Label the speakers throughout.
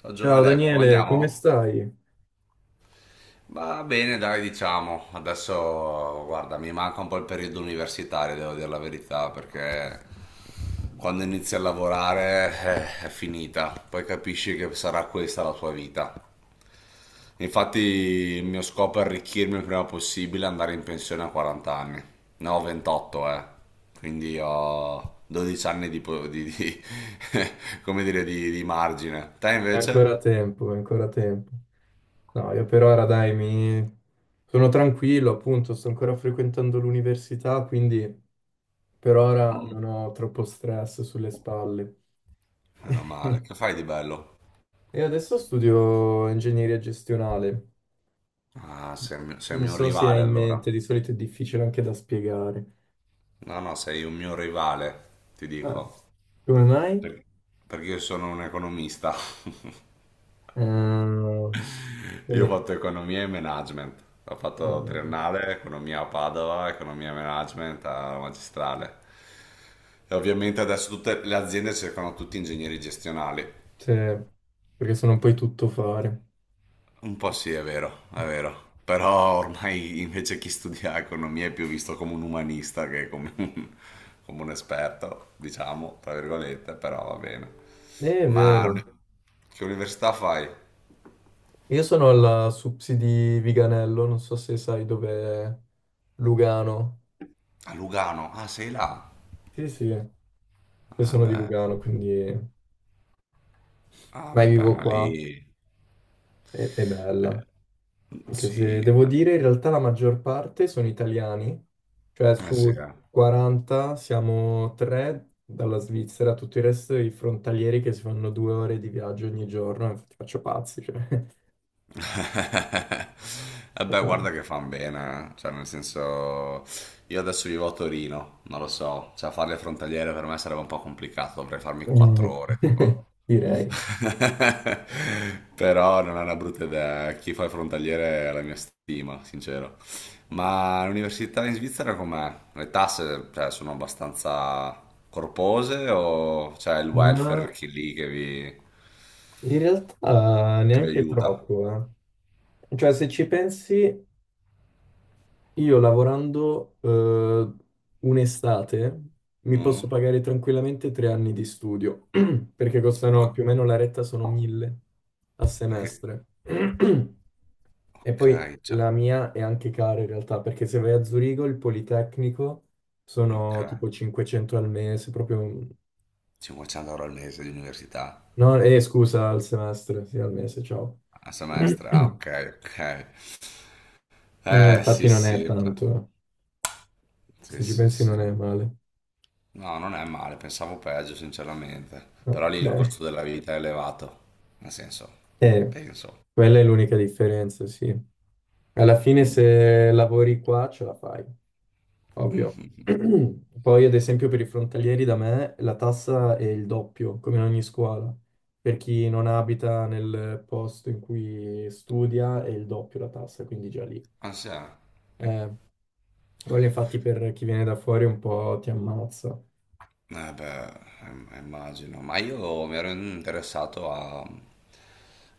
Speaker 1: Ciao
Speaker 2: Ciao
Speaker 1: Gioele, come
Speaker 2: Daniele, come
Speaker 1: andiamo?
Speaker 2: stai?
Speaker 1: Va bene, dai, diciamo. Adesso, guarda, mi manca un po' il periodo universitario, devo dire la verità, perché quando inizi a lavorare, è finita. Poi capisci che sarà questa la tua vita. Infatti, il mio scopo è arricchirmi il prima possibile e andare in pensione a 40 anni. Ne ho 28, eh. Quindi ho 12 anni di, come dire, di margine. Te
Speaker 2: È ancora
Speaker 1: invece?
Speaker 2: tempo, è ancora tempo. No, io per ora dai, mi... sono tranquillo, appunto, sto ancora frequentando l'università, quindi per ora non ho troppo stress sulle spalle.
Speaker 1: Meno male. Che fai di bello?
Speaker 2: E adesso studio ingegneria gestionale.
Speaker 1: Ah, sei un mio, sei un
Speaker 2: Non
Speaker 1: mio
Speaker 2: so se hai
Speaker 1: rivale
Speaker 2: in
Speaker 1: allora.
Speaker 2: mente, di solito è difficile anche da spiegare.
Speaker 1: No, no, sei un mio rivale, ti
Speaker 2: Ah,
Speaker 1: dico.
Speaker 2: come mai?
Speaker 1: Per- Perché io sono un economista.
Speaker 2: Ehm,
Speaker 1: Io ho
Speaker 2: quindi,
Speaker 1: fatto economia e management. Ho fatto
Speaker 2: ehm,
Speaker 1: triennale, economia a Padova, economia e management alla magistrale. E ovviamente adesso tutte le aziende cercano tutti ingegneri gestionali.
Speaker 2: cioè, perché sono poi tutto fare.
Speaker 1: Un po' sì, è vero, è vero. Però ormai invece chi studia economia è più visto come un umanista che come un esperto, diciamo, tra virgolette, però va bene.
Speaker 2: È
Speaker 1: Ma
Speaker 2: vero.
Speaker 1: che università fai?
Speaker 2: Io sono alla Supsi di Viganello, non so se sai dov'è Lugano.
Speaker 1: A Lugano. Ah, sei là?
Speaker 2: Sì, sì, io sono di
Speaker 1: Vabbè.
Speaker 2: Lugano, quindi
Speaker 1: Ah,
Speaker 2: mai
Speaker 1: vabbè,
Speaker 2: vivo
Speaker 1: ma
Speaker 2: qua.
Speaker 1: lì.
Speaker 2: È bella.
Speaker 1: eh,
Speaker 2: Anche se
Speaker 1: sì,
Speaker 2: devo
Speaker 1: ma.
Speaker 2: dire, in realtà la maggior parte sono italiani, cioè
Speaker 1: Eh sì,
Speaker 2: su
Speaker 1: eh.
Speaker 2: 40 siamo 3 dalla Svizzera, tutto il resto i frontalieri che si fanno 2 ore di viaggio ogni giorno, infatti faccio pazzi, cioè.
Speaker 1: E beh,
Speaker 2: Fa male.
Speaker 1: guarda che fan bene, eh. Cioè nel senso io adesso vivo a Torino, non lo so, cioè fare le frontaliere per me sarebbe un po' complicato, dovrei farmi 4
Speaker 2: Eh,
Speaker 1: ore tipo.
Speaker 2: direi.
Speaker 1: Però non è una brutta idea, eh. Chi fa il frontaliere è la mia stima, sincero. Ma l'università in Svizzera com'è? Le tasse, cioè, sono abbastanza corpose o c'è il welfare
Speaker 2: Ma
Speaker 1: che lì che vi,
Speaker 2: in realtà
Speaker 1: che vi
Speaker 2: neanche
Speaker 1: aiuta?
Speaker 2: troppo, eh. Cioè, se ci pensi, io lavorando un'estate mi posso
Speaker 1: Mhm.
Speaker 2: pagare tranquillamente 3 anni di studio, perché costano più o meno la retta sono 1.000 a
Speaker 1: Ok.
Speaker 2: semestre. E poi
Speaker 1: Ok, già,
Speaker 2: la mia è anche cara in realtà, perché se vai a Zurigo, il Politecnico
Speaker 1: ok.
Speaker 2: sono tipo 500 al mese, proprio...
Speaker 1: 500 euro al mese di università
Speaker 2: No, scusa, al semestre, sì, al mese, ciao.
Speaker 1: a semestre. Ah, ok, ok.
Speaker 2: Mm, infatti
Speaker 1: Sì,
Speaker 2: non è
Speaker 1: sì,
Speaker 2: tanto.
Speaker 1: sì,
Speaker 2: Se ci
Speaker 1: sì,
Speaker 2: pensi non è
Speaker 1: sì.
Speaker 2: male.
Speaker 1: No, non è male, pensavo peggio, sinceramente.
Speaker 2: No,
Speaker 1: Però lì
Speaker 2: sì.
Speaker 1: il
Speaker 2: Cioè,
Speaker 1: costo della vita è elevato. Nel senso,
Speaker 2: eh,
Speaker 1: penso.
Speaker 2: quella è l'unica differenza, sì. Alla fine
Speaker 1: Mm.
Speaker 2: se lavori qua ce la fai, ovvio.
Speaker 1: Mhm.
Speaker 2: Poi ad esempio per i frontalieri da me la tassa è il doppio, come in ogni scuola. Per chi non abita nel posto in cui studia è il doppio la tassa, quindi già lì.
Speaker 1: Ah, sì, eh.
Speaker 2: Eh, quello infatti per chi viene da fuori un po' ti ammazza.
Speaker 1: Eh beh, immagino, ma io mi ero interessato a,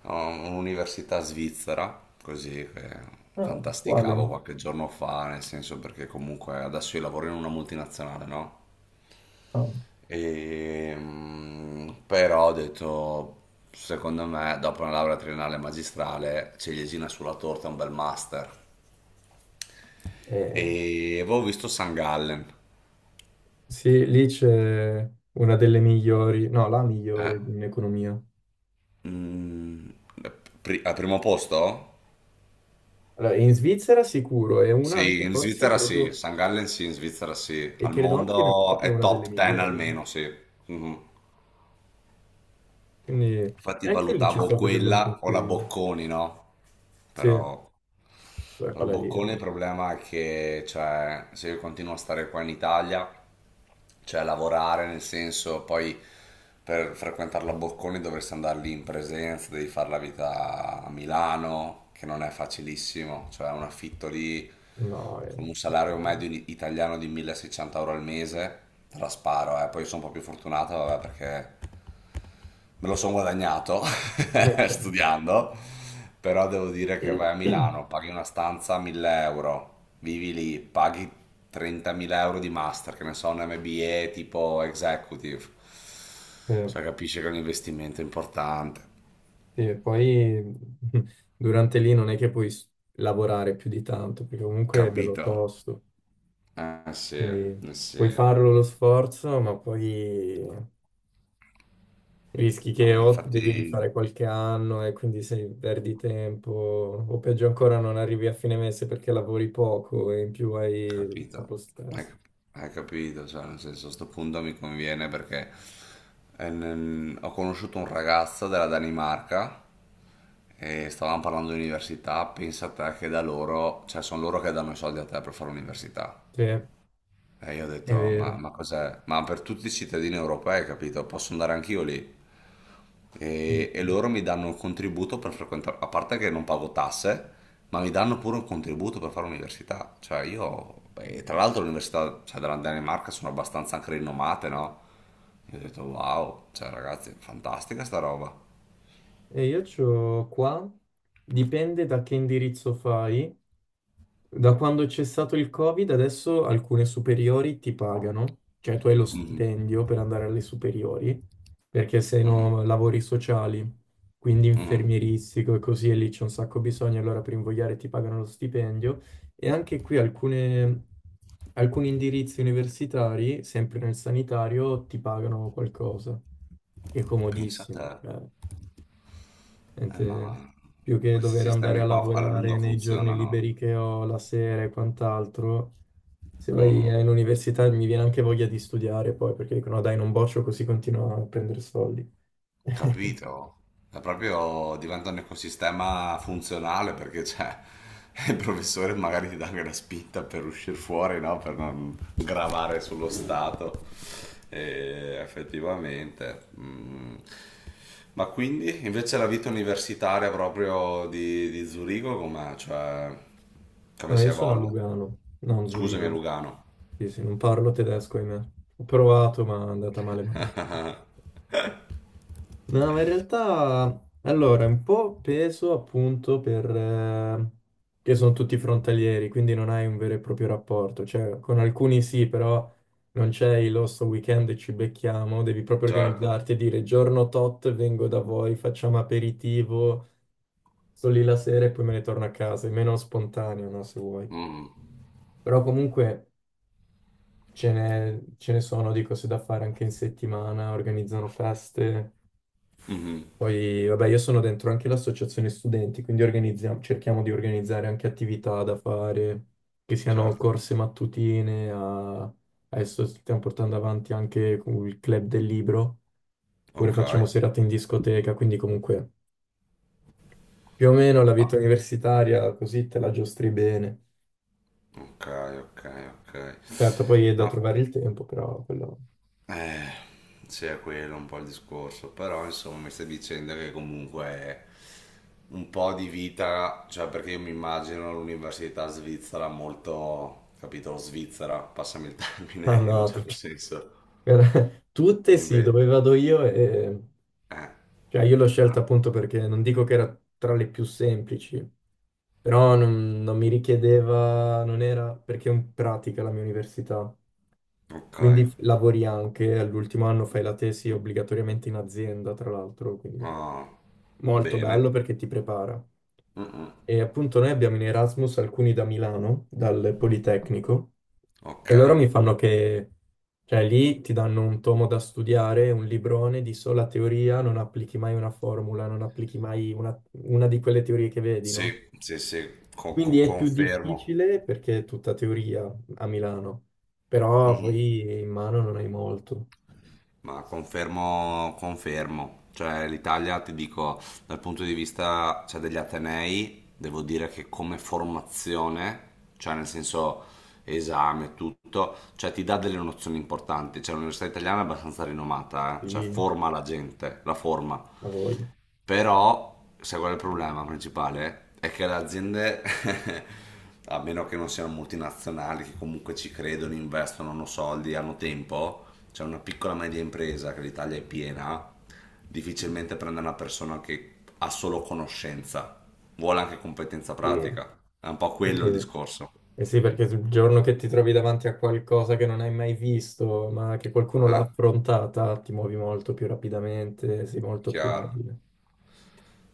Speaker 1: a un'università svizzera, così che
Speaker 2: Ah, uguale.
Speaker 1: fantasticavo qualche giorno fa, nel senso perché comunque adesso io lavoro in una multinazionale, no?
Speaker 2: Ah.
Speaker 1: E, però ho detto, secondo me, dopo una laurea triennale e magistrale, ciliegina sulla torta un bel master.
Speaker 2: Eh,
Speaker 1: E avevo visto San Gallen.
Speaker 2: sì, lì c'è una delle migliori, no, la
Speaker 1: Eh,
Speaker 2: migliore in economia.
Speaker 1: mm, eh, Al primo posto?
Speaker 2: Allora, in Svizzera sicuro, e una
Speaker 1: Sì,
Speaker 2: anche
Speaker 1: in
Speaker 2: forse
Speaker 1: Svizzera sì,
Speaker 2: credo,
Speaker 1: St. Gallen sì, in Svizzera sì,
Speaker 2: e
Speaker 1: al
Speaker 2: credo anche in
Speaker 1: mondo
Speaker 2: Europa è
Speaker 1: è
Speaker 2: una delle
Speaker 1: top 10
Speaker 2: migliori.
Speaker 1: almeno, sì. Mhm.
Speaker 2: Quindi
Speaker 1: Infatti
Speaker 2: anche io lì ci
Speaker 1: valutavo
Speaker 2: sto facendo un
Speaker 1: quella o la
Speaker 2: pensierino.
Speaker 1: Bocconi, no?
Speaker 2: Sì,
Speaker 1: Però
Speaker 2: beh,
Speaker 1: la
Speaker 2: quella lì è...
Speaker 1: Bocconi il problema è che, cioè, se io continuo a stare qua in Italia cioè lavorare nel senso poi per frequentare la Bocconi dovresti andare lì in presenza, devi fare la vita a Milano, che non è facilissimo, cioè un affitto lì
Speaker 2: No, è...
Speaker 1: con un salario medio italiano di 1600 euro al mese, te la sparo, eh. Poi sono un po' più fortunato vabbè, perché me lo sono guadagnato
Speaker 2: Ok.
Speaker 1: studiando, però devo dire che vai a Milano, paghi una stanza a 1000 euro, vivi lì, paghi 30.000 euro di master, che ne so, un MBA tipo executive,
Speaker 2: Eh,
Speaker 1: cioè capisci che è un investimento importante,
Speaker 2: sì, e poi durante lì non è che puoi s- lavorare più di tanto, perché comunque è bello
Speaker 1: capito?
Speaker 2: tosto,
Speaker 1: Eh sì,
Speaker 2: quindi
Speaker 1: eh
Speaker 2: puoi
Speaker 1: sì.
Speaker 2: farlo lo sforzo, ma poi... Rischi
Speaker 1: No,
Speaker 2: che o devi
Speaker 1: infatti.
Speaker 2: rifare qualche anno e quindi se perdi tempo, o peggio ancora non arrivi a fine mese perché lavori poco e in più hai
Speaker 1: Capito,
Speaker 2: troppo
Speaker 1: hai,
Speaker 2: stress.
Speaker 1: cap- hai capito, cioè nel senso a sto punto mi conviene perché ho conosciuto un ragazzo della Danimarca e stavamo parlando di università, pensa te che da loro, cioè sono loro che danno i soldi a te per fare l'università.
Speaker 2: Sì, è
Speaker 1: E io ho detto, ma,
Speaker 2: vero,
Speaker 1: ma cos'è? Ma per tutti i cittadini europei, capito? Posso andare anch'io lì?
Speaker 2: è
Speaker 1: E
Speaker 2: vero.
Speaker 1: loro mi danno un contributo per frequentare, a parte che non pago tasse, ma mi danno pure un contributo per fare l'università. Cioè io, beh, tra l'altro le università cioè, della Danimarca sono abbastanza anche rinomate, no? Io ho detto wow, cioè ragazzi, fantastica sta roba.
Speaker 2: E io c'ho qua, dipende da che indirizzo fai. Da quando c'è stato il Covid, adesso alcune superiori ti pagano, cioè tu hai lo stipendio per andare alle superiori, perché se no lavori sociali quindi infermieristico e così, e lì c'è un sacco bisogno, allora per invogliare ti pagano lo stipendio. E anche qui alcuni indirizzi universitari, sempre nel sanitario, ti pagano qualcosa. È
Speaker 1: Pensa a te.
Speaker 2: comodissimo, cioè, niente-
Speaker 1: Ma
Speaker 2: più che
Speaker 1: questi
Speaker 2: dover andare
Speaker 1: sistemi
Speaker 2: a
Speaker 1: qua alla
Speaker 2: lavorare
Speaker 1: lunga
Speaker 2: nei giorni
Speaker 1: funzionano.
Speaker 2: liberi che ho, la sera e quant'altro. Se vai all'università mi viene anche voglia di studiare poi, perché dicono "No, dai, non boccio così continuo a prendere soldi."
Speaker 1: Capito? È proprio diventa un ecosistema funzionale perché c'è il professore magari ti dà anche la spinta per uscire fuori, no? Per non gravare sullo Stato. E effettivamente. Mm. Ma quindi invece la vita universitaria proprio di, Zurigo com'è? Cioè, come
Speaker 2: No,
Speaker 1: si
Speaker 2: io sono a
Speaker 1: evolve?
Speaker 2: Lugano, non
Speaker 1: Scusami,
Speaker 2: Zurigo.
Speaker 1: Lugano.
Speaker 2: Sì, sì, non parlo tedesco, ahimè. Ho provato, ma è andata male male. No, ma in realtà, allora, un po' peso appunto per... che sono tutti frontalieri, quindi non hai un vero e proprio rapporto. Cioè, con alcuni sì, però non c'è il "Oh, sto weekend e ci becchiamo", devi proprio
Speaker 1: Certo.
Speaker 2: organizzarti e dire giorno tot vengo da voi, facciamo aperitivo, sto lì la sera e poi me ne torno a casa. È meno spontaneo, no, se vuoi.
Speaker 1: Mm,
Speaker 2: Però comunque... Ce ne sono di cose da fare anche in settimana, organizzano feste.
Speaker 1: mhm,
Speaker 2: Poi, vabbè, io sono dentro anche l'associazione studenti, quindi cerchiamo di organizzare anche attività da fare, che siano
Speaker 1: certo.
Speaker 2: corse mattutine, adesso stiamo portando avanti anche con il club del libro, oppure
Speaker 1: Ok.
Speaker 2: facciamo serate in discoteca, quindi comunque più o meno la vita universitaria così te la giostri bene.
Speaker 1: Ok, ok, ok.
Speaker 2: Certo, poi è da
Speaker 1: No,
Speaker 2: trovare il tempo, però quello...
Speaker 1: eh, sì, è quello un po' il discorso, però insomma mi stai dicendo che comunque è un po' di vita, cioè perché io mi immagino l'università svizzera molto, capito, svizzera, passami il
Speaker 2: Ah
Speaker 1: termine in un
Speaker 2: no,
Speaker 1: certo senso.
Speaker 2: Tutte sì,
Speaker 1: Invece.
Speaker 2: dove vado io,
Speaker 1: eh,
Speaker 2: cioè io l'ho scelta appunto perché non dico che era tra le più semplici, però non mi richiedeva, non era perché è in pratica la mia università,
Speaker 1: ok.
Speaker 2: quindi lavori anche, all'ultimo anno fai la tesi obbligatoriamente in azienda, tra l'altro, quindi
Speaker 1: Ah,
Speaker 2: molto
Speaker 1: bene.
Speaker 2: bello perché ti prepara.
Speaker 1: Mm, mm.
Speaker 2: E appunto noi abbiamo in Erasmus alcuni da Milano, dal Politecnico,
Speaker 1: Ok,
Speaker 2: e loro mi fanno che, cioè lì ti danno un tomo da studiare, un librone di sola teoria, non applichi mai una formula, non applichi mai una, una di quelle teorie che vedi, no?
Speaker 1: sì, sì, sì,
Speaker 2: Quindi è più
Speaker 1: confermo.
Speaker 2: difficile perché è tutta teoria a Milano, però poi in mano non hai molto,
Speaker 1: Ma confermo, confermo, cioè l'Italia ti dico dal punto di vista cioè, degli Atenei, devo dire che come formazione, cioè nel senso esame, tutto, cioè ti dà delle nozioni importanti, cioè l'università italiana è abbastanza rinomata, cioè
Speaker 2: quindi
Speaker 1: forma la gente, la forma.
Speaker 2: la voglio.
Speaker 1: Però, sai qual è il problema principale? È che le aziende, a meno che non siano multinazionali, che comunque ci credono, investono, hanno soldi, hanno tempo, c'è cioè una piccola media impresa che l'Italia è piena, difficilmente prende una persona che ha solo conoscenza, vuole anche competenza
Speaker 2: Sì.
Speaker 1: pratica. È un po' quello il
Speaker 2: Perché?
Speaker 1: discorso.
Speaker 2: Eh sì, perché il giorno che ti trovi davanti a qualcosa che non hai mai visto, ma che qualcuno l'ha
Speaker 1: Eh,
Speaker 2: affrontata, ti muovi molto più rapidamente, sei molto più
Speaker 1: chiaro,
Speaker 2: abile.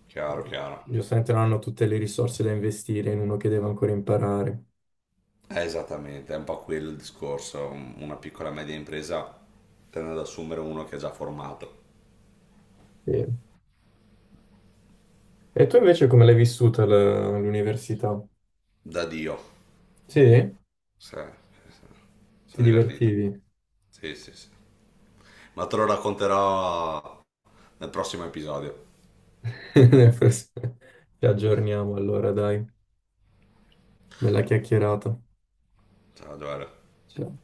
Speaker 1: chiaro,
Speaker 2: E
Speaker 1: chiaro.
Speaker 2: giustamente non hanno tutte le risorse da investire in uno che deve ancora imparare.
Speaker 1: È esattamente, è un po' quello il discorso. Una piccola e media impresa tende ad assumere uno che è già formato.
Speaker 2: Sì. E tu invece come l'hai vissuta l'università?
Speaker 1: Da Dio.
Speaker 2: Sì?
Speaker 1: Sì, sì, sì.
Speaker 2: Ti
Speaker 1: Sono divertito.
Speaker 2: divertivi?
Speaker 1: Sì, sì, sì. Ma te lo racconterò nel prossimo episodio.
Speaker 2: Ci aggiorniamo allora, dai, bella chiacchierata.
Speaker 1: Ciao, Giovanni.
Speaker 2: Ciao.